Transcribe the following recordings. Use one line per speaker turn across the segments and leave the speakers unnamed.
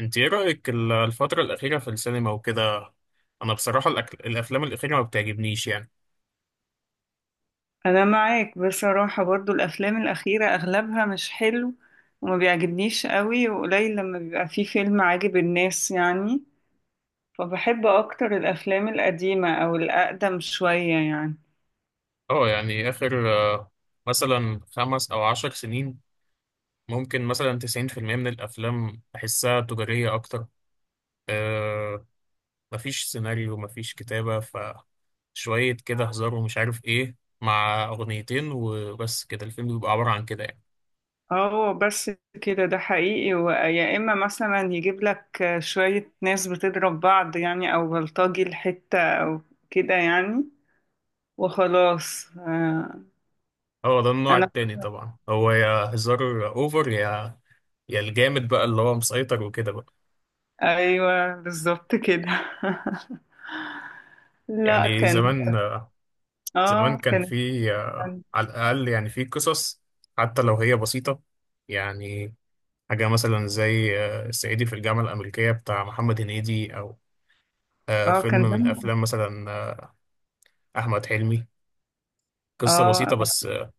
انت ايه رأيك الفترة الأخيرة في السينما وكده. انا بصراحة الافلام الأخيرة ما بتعجبنيش يعني.
انا معاك بصراحة برضو الافلام الاخيرة اغلبها مش حلو وما بيعجبنيش قوي، وقليل لما بيبقى فيه فيلم عاجب الناس يعني. فبحب اكتر الافلام القديمة او الاقدم شوية يعني.
اه يعني اخر مثلا 5 او 10 سنين. ممكن مثلا 90% من الافلام بحسها تجارية اكتر. آه، مفيش سيناريو، مفيش كتابة، فشوية كده هزار ومش عارف ايه. مع اغنيتين وبس، كده الفيلم بيبقى عبارة عن كده يعني.
اه بس كده، ده حقيقي، ويا اما مثلا يجيب لك شوية ناس بتضرب بعض يعني، او بلطجي الحتة او كده يعني. وخلاص
اه، ده النوع
انا،
التاني طبعا، هو يا هزار اوفر، يا يا الجامد بقى اللي هو مسيطر وكده.
ايوه بالظبط كده. لا
يعني
كان،
زمان،
اه
كان
كان
في على الأقل يعني في قصص، حتى لو هي بسيطة يعني. حاجة مثلا زي الصعيدي في الجامعة الأمريكية بتاع محمد هنيدي، أو
اه
فيلم
كان
من
دمه
أفلام مثلا، أحمد حلمي. قصة
اه
بسيطة، بس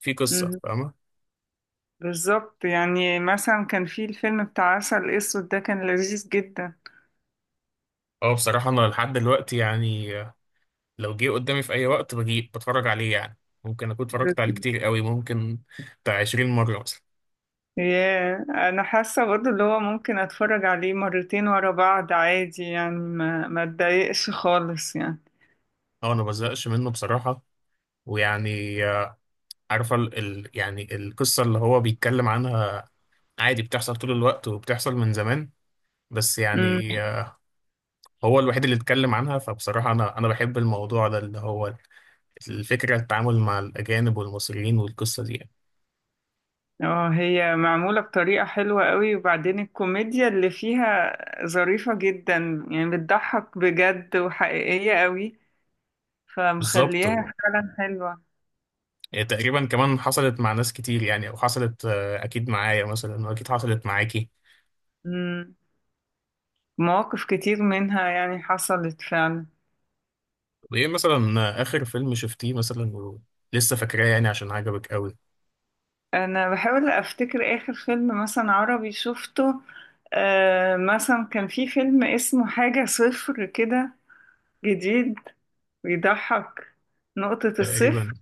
في قصة،
مهم.
فاهمة؟
بالظبط يعني، مثلا كان في الفيلم بتاع عسل اسود ده، كان لذيذ جدا.
أه، بصراحة أنا لحد دلوقتي يعني لو جه قدامي في أي وقت بجي بتفرج عليه يعني. ممكن أكون اتفرجت
بس-
عليه كتير قوي، ممكن بتاع 20 مرة مثلا.
ياه انا حاسه برضه اللي هو ممكن اتفرج عليه مرتين ورا بعض عادي يعني، ما اتضايقش خالص يعني.
أه، أنا مبزهقش منه بصراحة. ويعني عارفة يعني القصة اللي هو بيتكلم عنها، عادي بتحصل طول الوقت وبتحصل من زمان. بس
امم
يعني هو الوحيد اللي اتكلم عنها، فبصراحة أنا بحب الموضوع ده، اللي هو الفكرة التعامل مع الأجانب والمصريين والقصة دي يعني.
اه هي معموله بطريقه حلوه قوي، وبعدين الكوميديا اللي فيها ظريفه جدا يعني، بتضحك بجد وحقيقيه قوي،
بالظبط،
فمخليها فعلا
يعني تقريبا كمان حصلت مع ناس كتير يعني، أو حصلت أكيد معايا مثلا، وأكيد حصلت معاكي.
حلوه. مواقف كتير منها يعني حصلت فعلا.
طب إيه مثلا، آخر فيلم شفتيه مثلا، ولسه فاكراه يعني عشان عجبك أوي؟
انا بحاول افتكر اخر فيلم مثلا عربي شفته، آه مثلا كان في فيلم اسمه حاجة صفر كده، جديد، بيضحك. نقطة الصفر
تقريبا،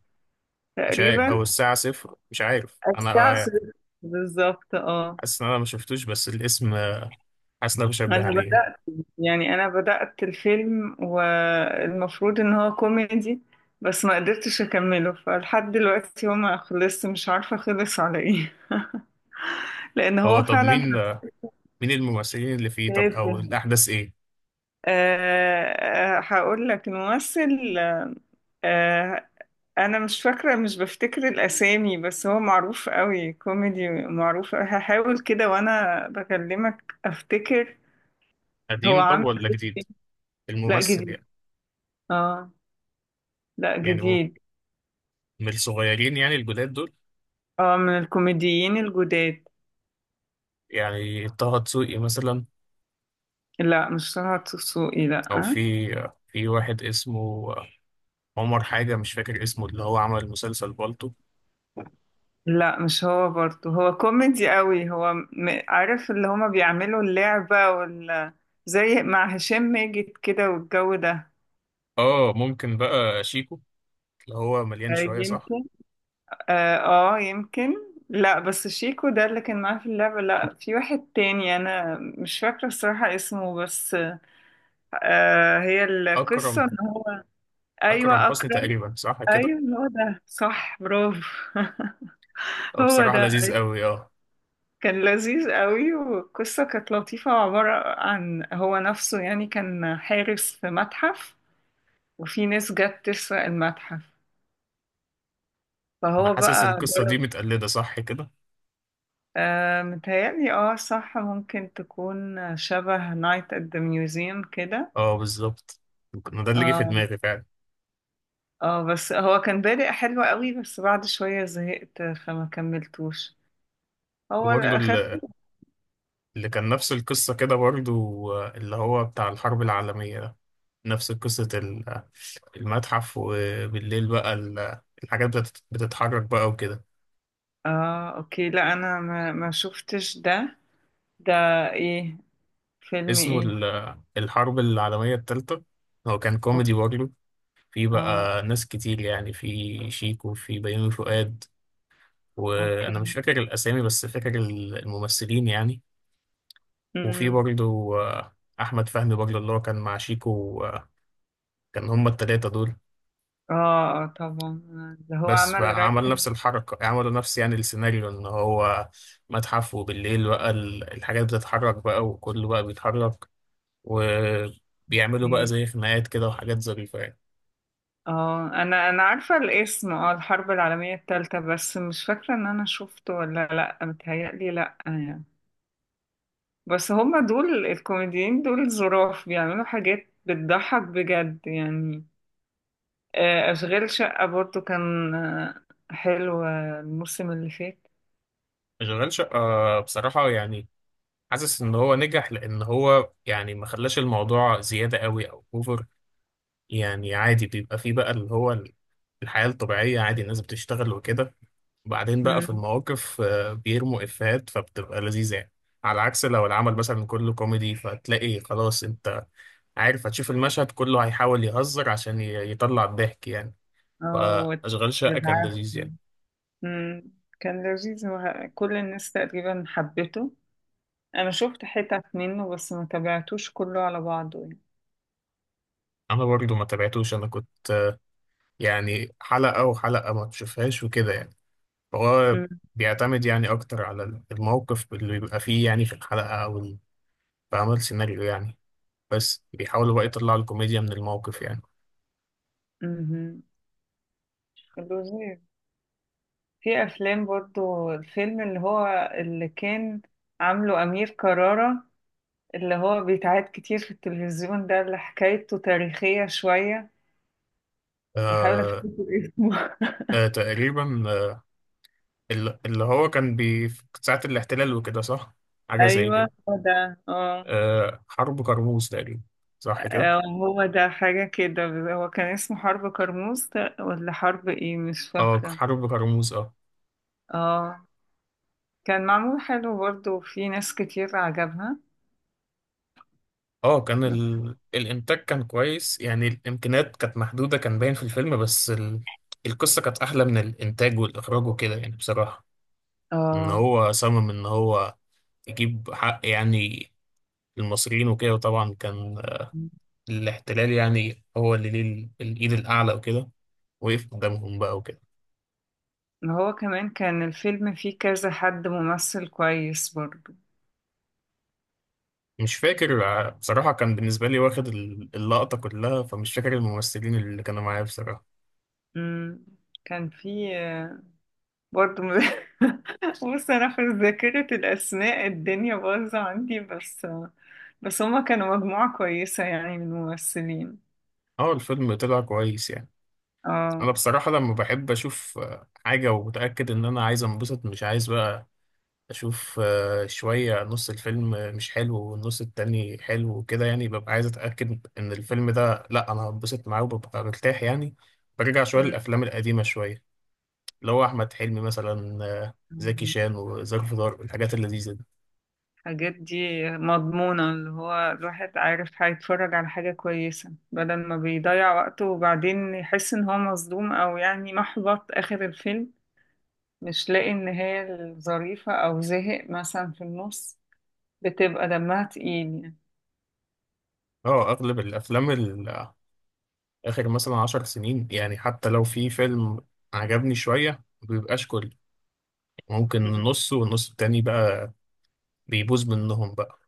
مش عارف،
تقريبا،
أو الساعة صفر، مش عارف أنا.
الساعة
آه،
صفر بالظبط، اه.
حاسس ان انا ما شفتوش بس الاسم، حاسس ان انا بشبه
انا
عليه.
بدأت، يعني انا بدأت الفيلم والمفروض ان هو كوميدي، بس ما قدرتش اكمله، فلحد دلوقتي هو ما خلصت مش عارفة خلص على ايه. لان
هو
هو
طب
فعلا
مين الممثلين اللي فيه، طب
تافه.
او الاحداث ايه؟
أه. آه، هقول لك الممثل. أه انا مش فاكره، مش بفتكر الاسامي، بس هو معروف قوي، كوميدي معروف، هحاول كده وانا بكلمك افتكر. هو
قديم طب
عامل
ولا جديد؟
إيه. لا
الممثل
جديد،
يعني.
اه لا
يعني هو
جديد.
من الصغيرين يعني الجداد دول.
اه من الكوميديين الجداد.
يعني طه دسوقي مثلا؟
لا مش طه دسوقي، لا
او
آه.
في واحد اسمه آه، عمر حاجة، مش فاكر اسمه، اللي هو عمل مسلسل بالطو.
لا مش هو برضه، هو كوميدي قوي، عارف اللي هما بيعملوا اللعبة زي مع هشام ماجد كده والجو ده.
اه ممكن بقى شيكو، اللي هو مليان
آه،
شوية، صح؟
يمكن، اه آه، يمكن. لا بس شيكو ده اللي كان معاه في اللعبة، لا في واحد تاني انا مش فاكرة الصراحة اسمه، بس آه هي القصة
اكرم.
ان هو،
اكرم
ايوه
حسني
اكرم،
تقريبا، صح كده؟
ايوه هو ده صح برافو. هو
بصراحة
ده
لذيذ قوي، اه.
كان لذيذ قوي، والقصة كانت لطيفة وعبارة عن هو نفسه يعني، كان حارس في متحف وفي ناس جت تسرق المتحف،
ما
فهو
حاسس
بقى
القصة دي
جرب.
متقلدة، صح كده؟
آه متهيألي اه صح، ممكن تكون شبه نايت ات ذا ميوزيوم كده.
اه بالظبط، أنا ده اللي جه في
اه،
دماغي فعلا.
اه بس هو كان بادئ حلو قوي، بس بعد شوية زهقت فما كملتوش، هو
وبرضه
الأخف.
اللي كان نفس القصة كده برضه، اللي هو بتاع الحرب العالمية ده، نفس قصة المتحف، وبالليل بقى الحاجات بتتحرك بقى وكده.
اه اوكي، لا انا ما شفتش ده. ده ايه؟ فيلم
اسمه
ايه؟
الحرب العالمية التالتة. هو كان
أو-
كوميدي برضه. في
اه
بقى ناس كتير يعني، في شيكو، في بيومي فؤاد، وأنا مش
اوكي.
فاكر الأسامي بس فاكر الممثلين يعني. وفي
مم.
برضه أحمد فهمي برضه، اللي هو كان مع شيكو. كان هما التلاتة دول.
اه، اه طبعا، اللي هو
بس
عمل
فعمل
رايحن.
نفس الحركة، عملوا نفس يعني السيناريو، ان هو متحف، وبالليل بقى الحاجات بتتحرك بقى، وكله بقى بيتحرك، وبيعملوا بقى
دي.
زي خناقات كده وحاجات ظريفة يعني.
اه انا انا عارفه الاسم، اه الحرب العالميه الثالثه، بس مش فاكره ان انا شفته ولا لا، متهيألي لا يعني. بس هما دول الكوميديين دول ظراف، بيعملوا حاجات بتضحك بجد يعني. آه، اشغال شقه برضو كان آه، حلو، آه، الموسم اللي فات.
شغال شقة، بصراحة يعني حاسس ان هو نجح، لان هو يعني ما خلاش الموضوع زيادة قوي او اوفر. يعني عادي، بيبقى فيه بقى اللي هو الحياة الطبيعية، عادي الناس بتشتغل وكده، وبعدين بقى في
مم.
المواقف بيرموا إفيهات، فبتبقى لذيذة يعني. على عكس لو العمل مثلا كله كوميدي، فتلاقي خلاص، انت عارف هتشوف المشهد كله هيحاول يهزر عشان يطلع الضحك يعني.
اه وت-
فأشغال شقة كان
بالعافية.
لذيذ يعني.
مم. كان لذيذ كل الناس تقريبا حبته، انا شفت حتت منه بس ما تابعتوش كله على بعضه يعني.
أنا برضو ما تابعتوش، أنا كنت يعني حلقة وحلقة ما تشوفهاش وكده يعني. فهو
أم-
بيعتمد يعني أكتر على الموقف اللي بيبقى فيه يعني في الحلقة، أو بعمل سيناريو يعني، بس بيحاولوا بقى يطلعوا الكوميديا من الموقف يعني.
أمم. الوزير، في افلام برضو، الفيلم اللي هو اللي كان عامله امير كرارة، اللي هو بيتعاد كتير في التلفزيون ده، اللي حكايته تاريخية شوية، بحاول
آه،
افتكر اسمه.
تقريبا اللي هو كان في ساعة الاحتلال وكده، صح؟ حاجة زي
ايوه
كده.
هو ده اه.
حرب كرموز تقريبا، صح كده؟
آه، هو ده حاجة كده، هو كان اسمه حرب كرموز ده ولا حرب ايه مش
اه،
فاكرة.
حرب كرموز، اه.
اه. كان معمول حلو برضو، في ناس كتير عجبها.
اه كان الإنتاج كان كويس يعني، الإمكانيات كانت محدودة، كان باين في الفيلم، بس القصة كانت أحلى من الإنتاج والإخراج وكده يعني بصراحة. إن
اه
هو صمم إن هو يجيب حق يعني المصريين وكده، وطبعا كان الاحتلال يعني هو اللي ليه الإيد الأعلى وكده، وقف قدامهم بقى وكده.
هو كمان كان الفيلم فيه كذا حد ممثل كويس برضو.
مش فاكر بصراحة، كان بالنسبة لي واخد اللقطة كلها، فمش فاكر الممثلين اللي كانوا معايا بصراحة.
مم. كان فيه آه، برضو بص انا في ذاكرة الاسماء الدنيا باظة عندي، بس آه، بس هما كانوا مجموعة كويسة يعني من الممثلين.
اه الفيلم طلع كويس يعني.
اه.
أنا بصراحة لما بحب أشوف حاجة ومتأكد إن أنا عايز أنبسط، مش عايز بقى أشوف شوية نص الفيلم مش حلو والنص التاني حلو وكده يعني، ببقى عايز أتأكد إن الفيلم ده لأ، أنا هنبسط معاه وببقى مرتاح يعني. برجع شوية للأفلام القديمة شوية، اللي هو أحمد حلمي مثلا، زكي
مم.
شان وظرف طارق، الحاجات اللذيذة دي.
الحاجات دي مضمونة، اللي هو الواحد عارف هيتفرج على حاجة كويسة بدل ما بيضيع وقته وبعدين يحس ان هو مصدوم، او يعني محبط اخر الفيلم، مش لاقي ان هي الظريفة، او زهق مثلا في النص، بتبقى دمها تقيل يعني.
اه اغلب الافلام اخر مثلا 10 سنين يعني، حتى لو في فيلم عجبني شوية، ما بيبقاش كل، ممكن
مم.
نصه، والنص التاني بقى بيبوظ منهم بقى.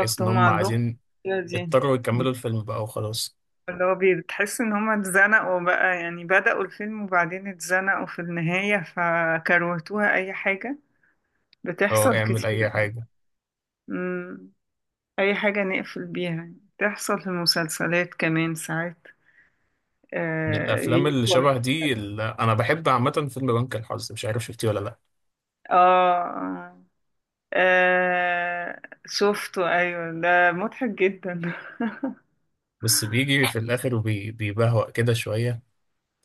بحيث ان
هم
هم
عندهم
عايزين،
المشكلة دي.
اضطروا
مم.
يكملوا الفيلم بقى وخلاص.
بتحس ان هم اتزنقوا بقى يعني، بدأوا الفيلم وبعدين اتزنقوا في النهاية فكروتوها اي حاجة،
اه
بتحصل
اعمل
كتير.
اي حاجة.
مم. اي حاجة نقفل بيها يعني، بتحصل في المسلسلات كمان ساعات.
من
اه,
الافلام اللي
يقفل-
شبه دي اللي انا بحب عامة، فيلم بنك الحظ، مش عارف شفتيه ولا لا.
آه. آه. آه شفته أيوة، ده مضحك جدا.
بس بيجي في الاخر وبيبهوأ كده شوية،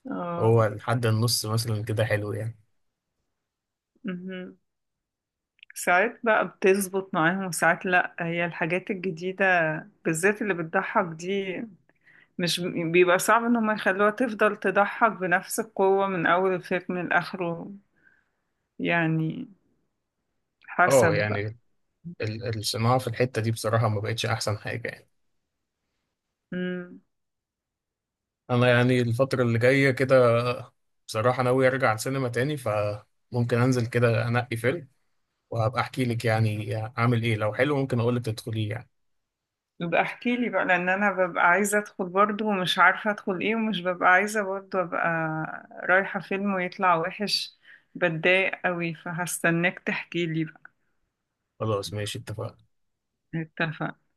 هو
اه
لحد النص مثلا كده حلو يعني.
مهم. ساعات بقى بتظبط معاهم وساعات لأ، هي الحاجات الجديدة بالذات اللي بتضحك دي، مش بيبقى صعب إن هم يخلوها تفضل تضحك بنفس القوة من أول الفيلم لآخره يعني،
اه
حسب
يعني، الصناعة في الحتة دي بصراحة ما بقتش احسن حاجة يعني.
بقى.
انا يعني الفترة اللي جاية كده، بصراحة ناوي ارجع السينما تاني، فممكن انزل كده انقي فيلم، وهبقى احكي لك يعني اعمل ايه، لو حلو ممكن اقول لك تدخليه يعني.
يبقى احكي لي بقى، لان انا ببقى عايزه ادخل برضو ومش عارفه ادخل ايه، ومش ببقى عايزه برضو ابقى رايحه فيلم ويطلع وحش، بتضايق قوي، فهستناك تحكي لي بقى.
خلاص ماشي، اتفقنا.
اتفقنا.